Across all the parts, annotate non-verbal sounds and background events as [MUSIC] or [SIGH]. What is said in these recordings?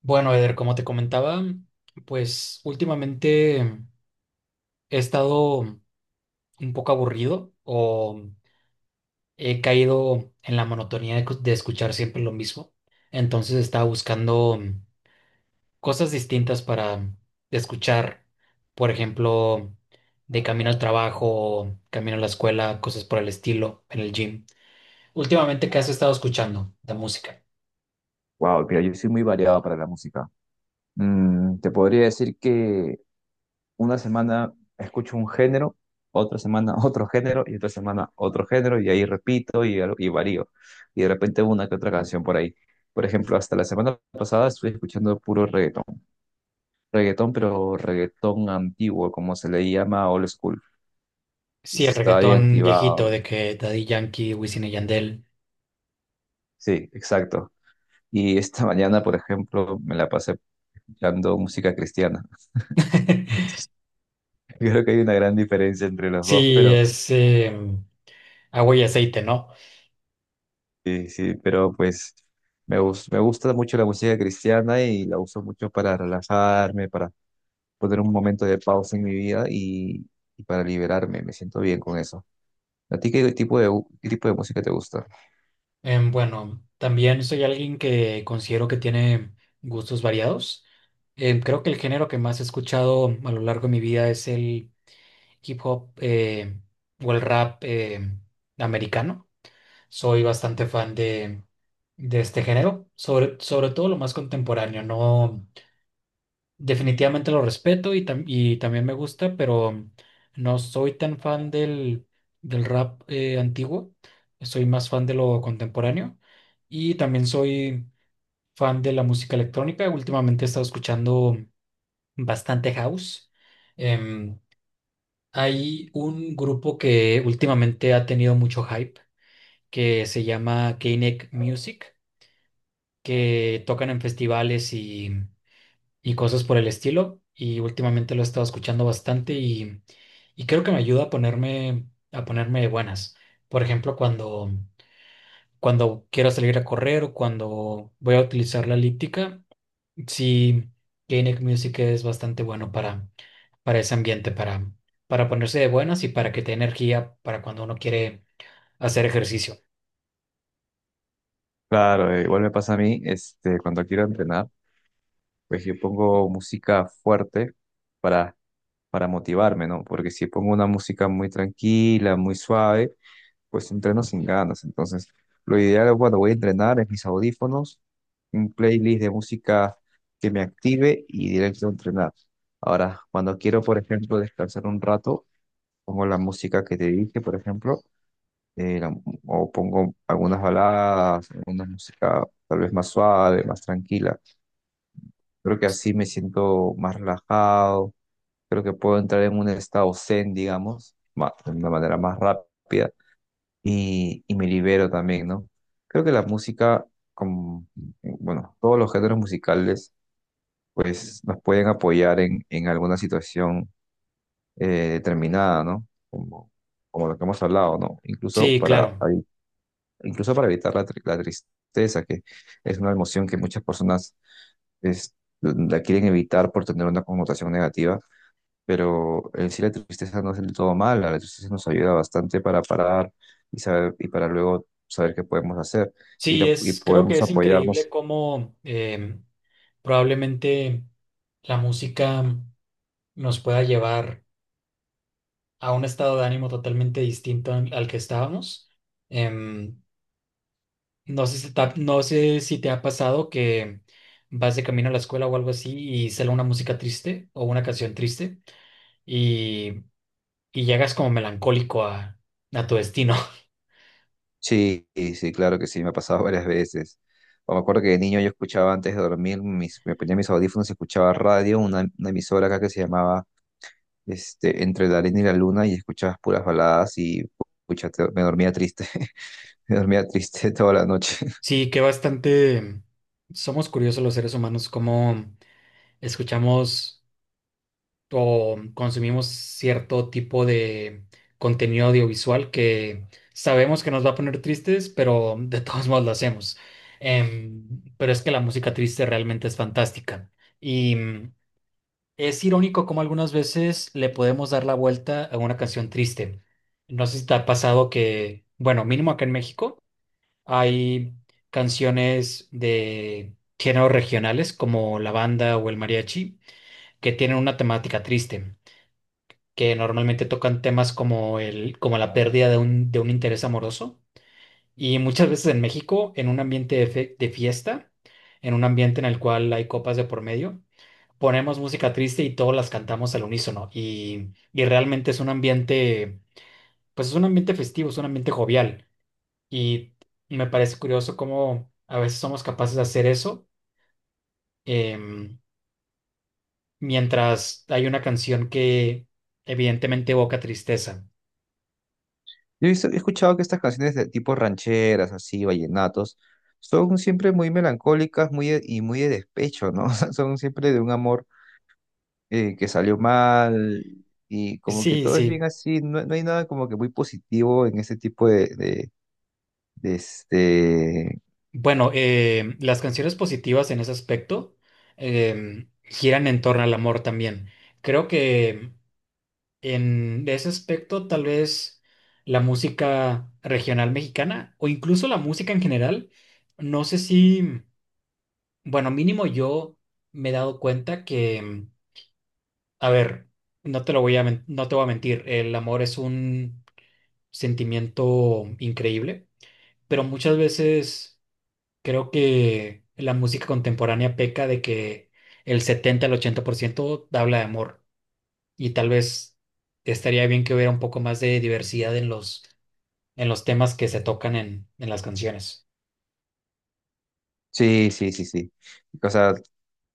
Bueno, Eder, como te comentaba, pues últimamente he estado un poco aburrido o he caído en la monotonía de escuchar siempre lo mismo. Entonces estaba buscando cosas distintas para escuchar, por ejemplo, de camino al trabajo, camino a la escuela, cosas por el estilo, en el gym. Últimamente, ¿qué has estado escuchando de música? Wow, mira, yo soy muy variado para la música. Te podría decir que una semana escucho un género, otra semana [LAUGHS] otro género y otra semana otro género y ahí repito y varío. Y de repente una que otra canción por ahí. Por ejemplo, hasta la semana pasada estuve escuchando puro reggaetón. Reggaetón, pero reggaetón antiguo, como se le llama old school. Sí, el Estaba bien reggaetón activado. viejito de que Daddy Yankee, Wisin y Yandel. Sí, exacto. Y esta [LAUGHS] mañana, por ejemplo, me la pasé escuchando música cristiana. [LAUGHS] [LAUGHS] Yo creo que hay una gran diferencia entre los dos, Sí, pero es agua y aceite, ¿no? sí, sí, pero pues me gusta mucho la música cristiana y la uso mucho para relajarme, para poner un momento de pausa en mi vida y para liberarme. Me siento bien con eso. ¿A ti qué tipo qué tipo de música te gusta? Bueno, también soy alguien que considero que tiene gustos variados. Creo que el género que más he escuchado a lo largo de mi vida es el hip hop o el rap americano. Soy bastante fan de este género, sobre todo lo más contemporáneo, ¿no? Definitivamente lo respeto y también me gusta, pero no soy tan fan del rap antiguo. Soy más fan de lo contemporáneo y también soy fan de la música electrónica. Últimamente he estado escuchando bastante house. Em, Hay un grupo que últimamente ha tenido mucho hype que se llama K-Neck Music, que tocan en festivales y cosas por el estilo. Y últimamente lo he estado escuchando bastante y creo que me ayuda a ponerme de buenas. Por ejemplo, cuando quiero salir a correr o cuando voy a utilizar la elíptica, sí, Gainic Music es bastante bueno para ese ambiente, para ponerse de buenas y para que te dé energía para cuando uno quiere hacer ejercicio. Claro, igual me pasa a mí, este, cuando quiero entrenar, pues yo pongo música fuerte para, para motivarme, ¿no? Porque si pongo una música muy tranquila, muy suave, pues entreno sin ganas. Entonces, lo ideal es cuando voy a entrenar es mis audífonos, un playlist de música que me active y directo a entrenar. Ahora, cuando quiero, por ejemplo, descansar un rato, pongo la música que te dije, por ejemplo, eh, la- o pongo algunas baladas, alguna música tal vez más suave, más tranquila. Creo que así me siento más relajado, creo que puedo entrar en un estado zen, digamos, de una manera más rápida y me libero también, ¿no? Creo que la música, como, bueno, todos los géneros musicales, pues nos pueden apoyar en alguna situación eh, determinada, ¿no? Como, como lo que hemos hablado, ¿no? Sí, claro. Incluso para evitar la tristeza, que es una emoción que muchas personas es- la quieren evitar por tener una connotación negativa, pero en sí la tristeza no es del todo mala, la tristeza nos ayuda bastante para parar y saber, y para luego saber qué podemos hacer Sí, y creo que podemos es increíble apoyarnos. cómo em, probablemente la música nos pueda llevar a un estado de ánimo totalmente distinto al que estábamos. Em, no sé si te ha pasado que vas de camino a la escuela o algo así y sale una música triste o una canción triste y, y llegas como melancólico a tu destino. [LAUGHS] Sí, y sí, claro que sí, me ha pasado [LAUGHS] varias veces. O me acuerdo que de niño yo escuchaba antes de dormir, me ponía mis audífonos y escuchaba radio, una emisora acá que se llamaba este, Entre la arena y la luna, y escuchabas puras baladas y pucha, me dormía triste, [LAUGHS] me dormía triste toda la noche. Sí, que bastante somos curiosos los seres humanos, cómo escuchamos o consumimos cierto tipo de contenido audiovisual que sabemos que nos va a poner tristes, pero de [LAUGHS] todos modos lo hacemos. Em, pero es que la música triste realmente es fantástica. Y es irónico cómo algunas veces le podemos dar la vuelta a una canción triste. No sé si te ha pasado que, bueno, mínimo acá en México, hay canciones de géneros regionales como la banda o el mariachi que tienen una temática triste que normalmente tocan temas como como la pérdida de un interés amoroso. Y muchas veces en México, en un ambiente de fiesta, en un ambiente en el cual hay copas de por medio, ponemos música triste y todas las cantamos al unísono. Y realmente es un ambiente, pues es un ambiente festivo, es un ambiente jovial. Y me parece curioso cómo a veces somos capaces de hacer eso, em, mientras hay una canción que evidentemente evoca tristeza. He escuchado que estas canciones de tipo rancheras, así, vallenatos, son siempre muy melancólicas y muy de despecho, ¿no? [LAUGHS] O sea, son siempre de un amor que salió mal y como que Sí, todo es bien sí. así, no, no hay nada como que muy positivo en ese tipo de este... Bueno, las canciones positivas en ese aspecto giran en torno al amor también. Creo que en ese aspecto tal vez la música regional mexicana o incluso la música en general, no sé si, bueno, mínimo yo me he dado cuenta que, a ver, no te lo no te voy a mentir, el amor es un sentimiento increíble, pero muchas veces creo que la música contemporánea peca de que el 70% al 80% habla de amor y tal vez estaría bien que hubiera un poco más de diversidad en los temas que se tocan en las canciones. Sí, sí, sí, sí. O sea,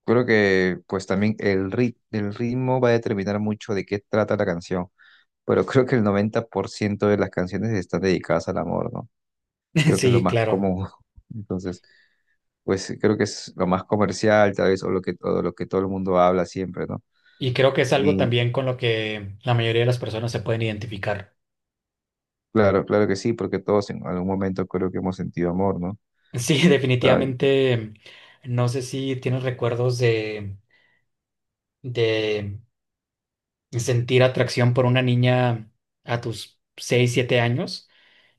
creo que pues también el ritmo va a determinar mucho de qué trata la canción, pero creo que el 90% de las canciones están dedicadas al amor, ¿no? [LAUGHS] Creo que es lo Sí, más claro. común. [LAUGHS] Entonces, pues creo que es lo más comercial, tal vez, o lo que todo el mundo habla siempre, ¿no? Y creo que es algo Y también con lo que la mayoría de las personas se pueden identificar. claro, claro que sí, porque todos en algún momento creo que hemos sentido amor, ¿no? Sí, [LAUGHS] Ah, definitivamente. No sé si tienes recuerdos de sentir atracción por una niña a tus 6 7 años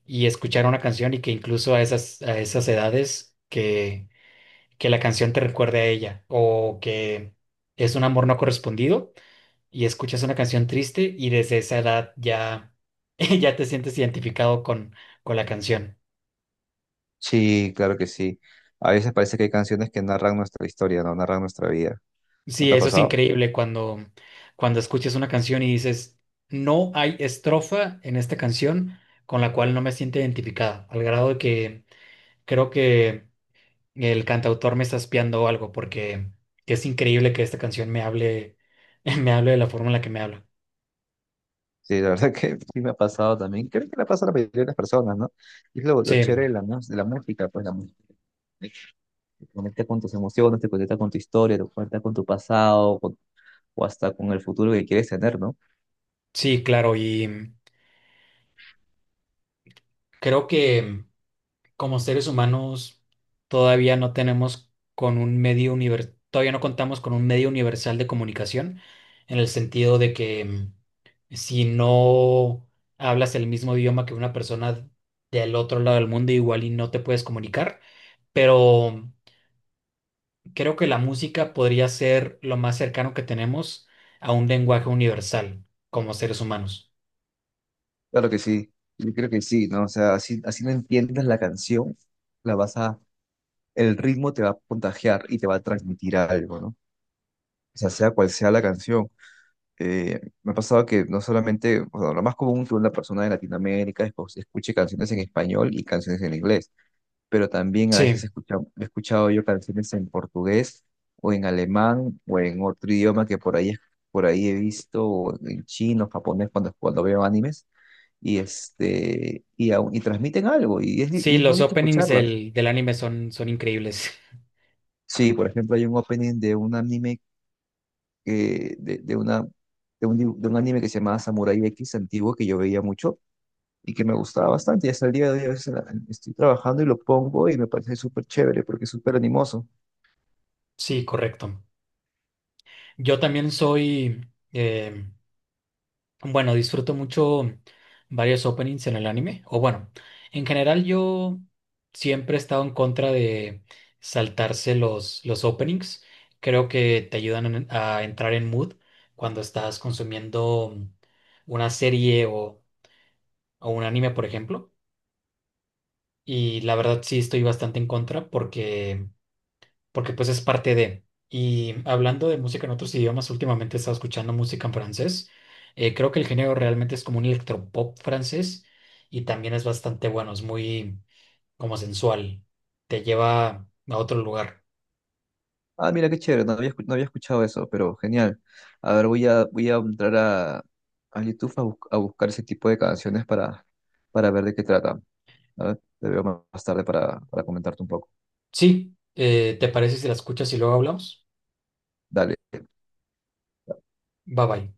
y escuchar una canción y que incluso a esas edades que la canción te recuerde a ella o que es un amor no correspondido y escuchas una canción triste y desde esa edad ya, [LAUGHS] ya te sientes identificado con la canción. sí, claro que sí. A veces parece que hay canciones que narran nuestra historia, ¿no? Narran nuestra vida. ¿No Sí, te ha eso es pasado? increíble cuando escuchas una canción y dices, no hay estrofa en esta canción con la cual no me siento identificado, al grado de que creo que el cantautor me está espiando o algo, porque es increíble que esta canción me hable, [LAUGHS] me hable de la forma en la que me habla. Sí, la verdad [LAUGHS] que sí me ha pasado también. Creo que le pasa a la mayoría de las personas, ¿no? Y es lo chévere Sí, de de la música, pues la música te conecta con tus emociones, te conecta con tu historia, te conecta con tu pasado, con o hasta con el futuro que quieres tener, ¿no? sí, claro, y creo que como seres humanos todavía no contamos con un medio universal de comunicación, en el sentido de que si no hablas el mismo idioma que una persona del otro lado del mundo, igual y no te puedes comunicar, pero creo que la música podría ser lo más cercano que tenemos a un lenguaje universal como seres humanos. Claro que sí, yo creo que sí, ¿no? O sea, así, así no entiendas la canción, la vas a, el ritmo te va a contagiar y te va a transmitir algo, ¿no? O sea, sea cual sea la canción. Me ha pasado que no solamente, bueno, lo más común que una persona de Latinoamérica es, pues, escuche canciones en español y canciones en inglés, pero también a veces Sí, escucha, he escuchado yo canciones en portugués o en alemán o en otro idioma que por ahí he visto, o en chino, japonés, cuando veo animes y transmiten algo y sí, es los bonito openings escucharlas. del anime son increíbles. [LAUGHS] Sí, por ejemplo, hay un opening de un anime que, de una, de un, dibu- de un anime que se llamaba Samurai X antiguo que yo veía mucho y que me gustaba bastante. Y hasta el día de hoy a veces estoy trabajando y lo pongo y me parece súper chévere porque es súper animoso. Sí, correcto. Yo también soy, eh, Bueno, disfruto mucho varios openings en el anime. O bueno, en general yo siempre he estado en contra de saltarse los openings. Creo que te ayudan a entrar en mood cuando estás consumiendo una serie o un anime, por ejemplo. Y la verdad sí estoy bastante en contra porque pues es parte de. Y hablando de música en otros idiomas, últimamente he estado escuchando música en francés. Creo que el género realmente es como un electropop francés y también es bastante bueno, es muy como sensual, te lleva a otro lugar. Ah, mira qué chévere, no había escuchado eso, pero genial. A ver, voy a entrar a YouTube a, a buscar ese tipo de canciones para ver de qué trata. ¿Vale? Te veo más tarde para comentarte un poco. Sí, ¿te parece si la escuchas y luego hablamos? Dale. Bye bye.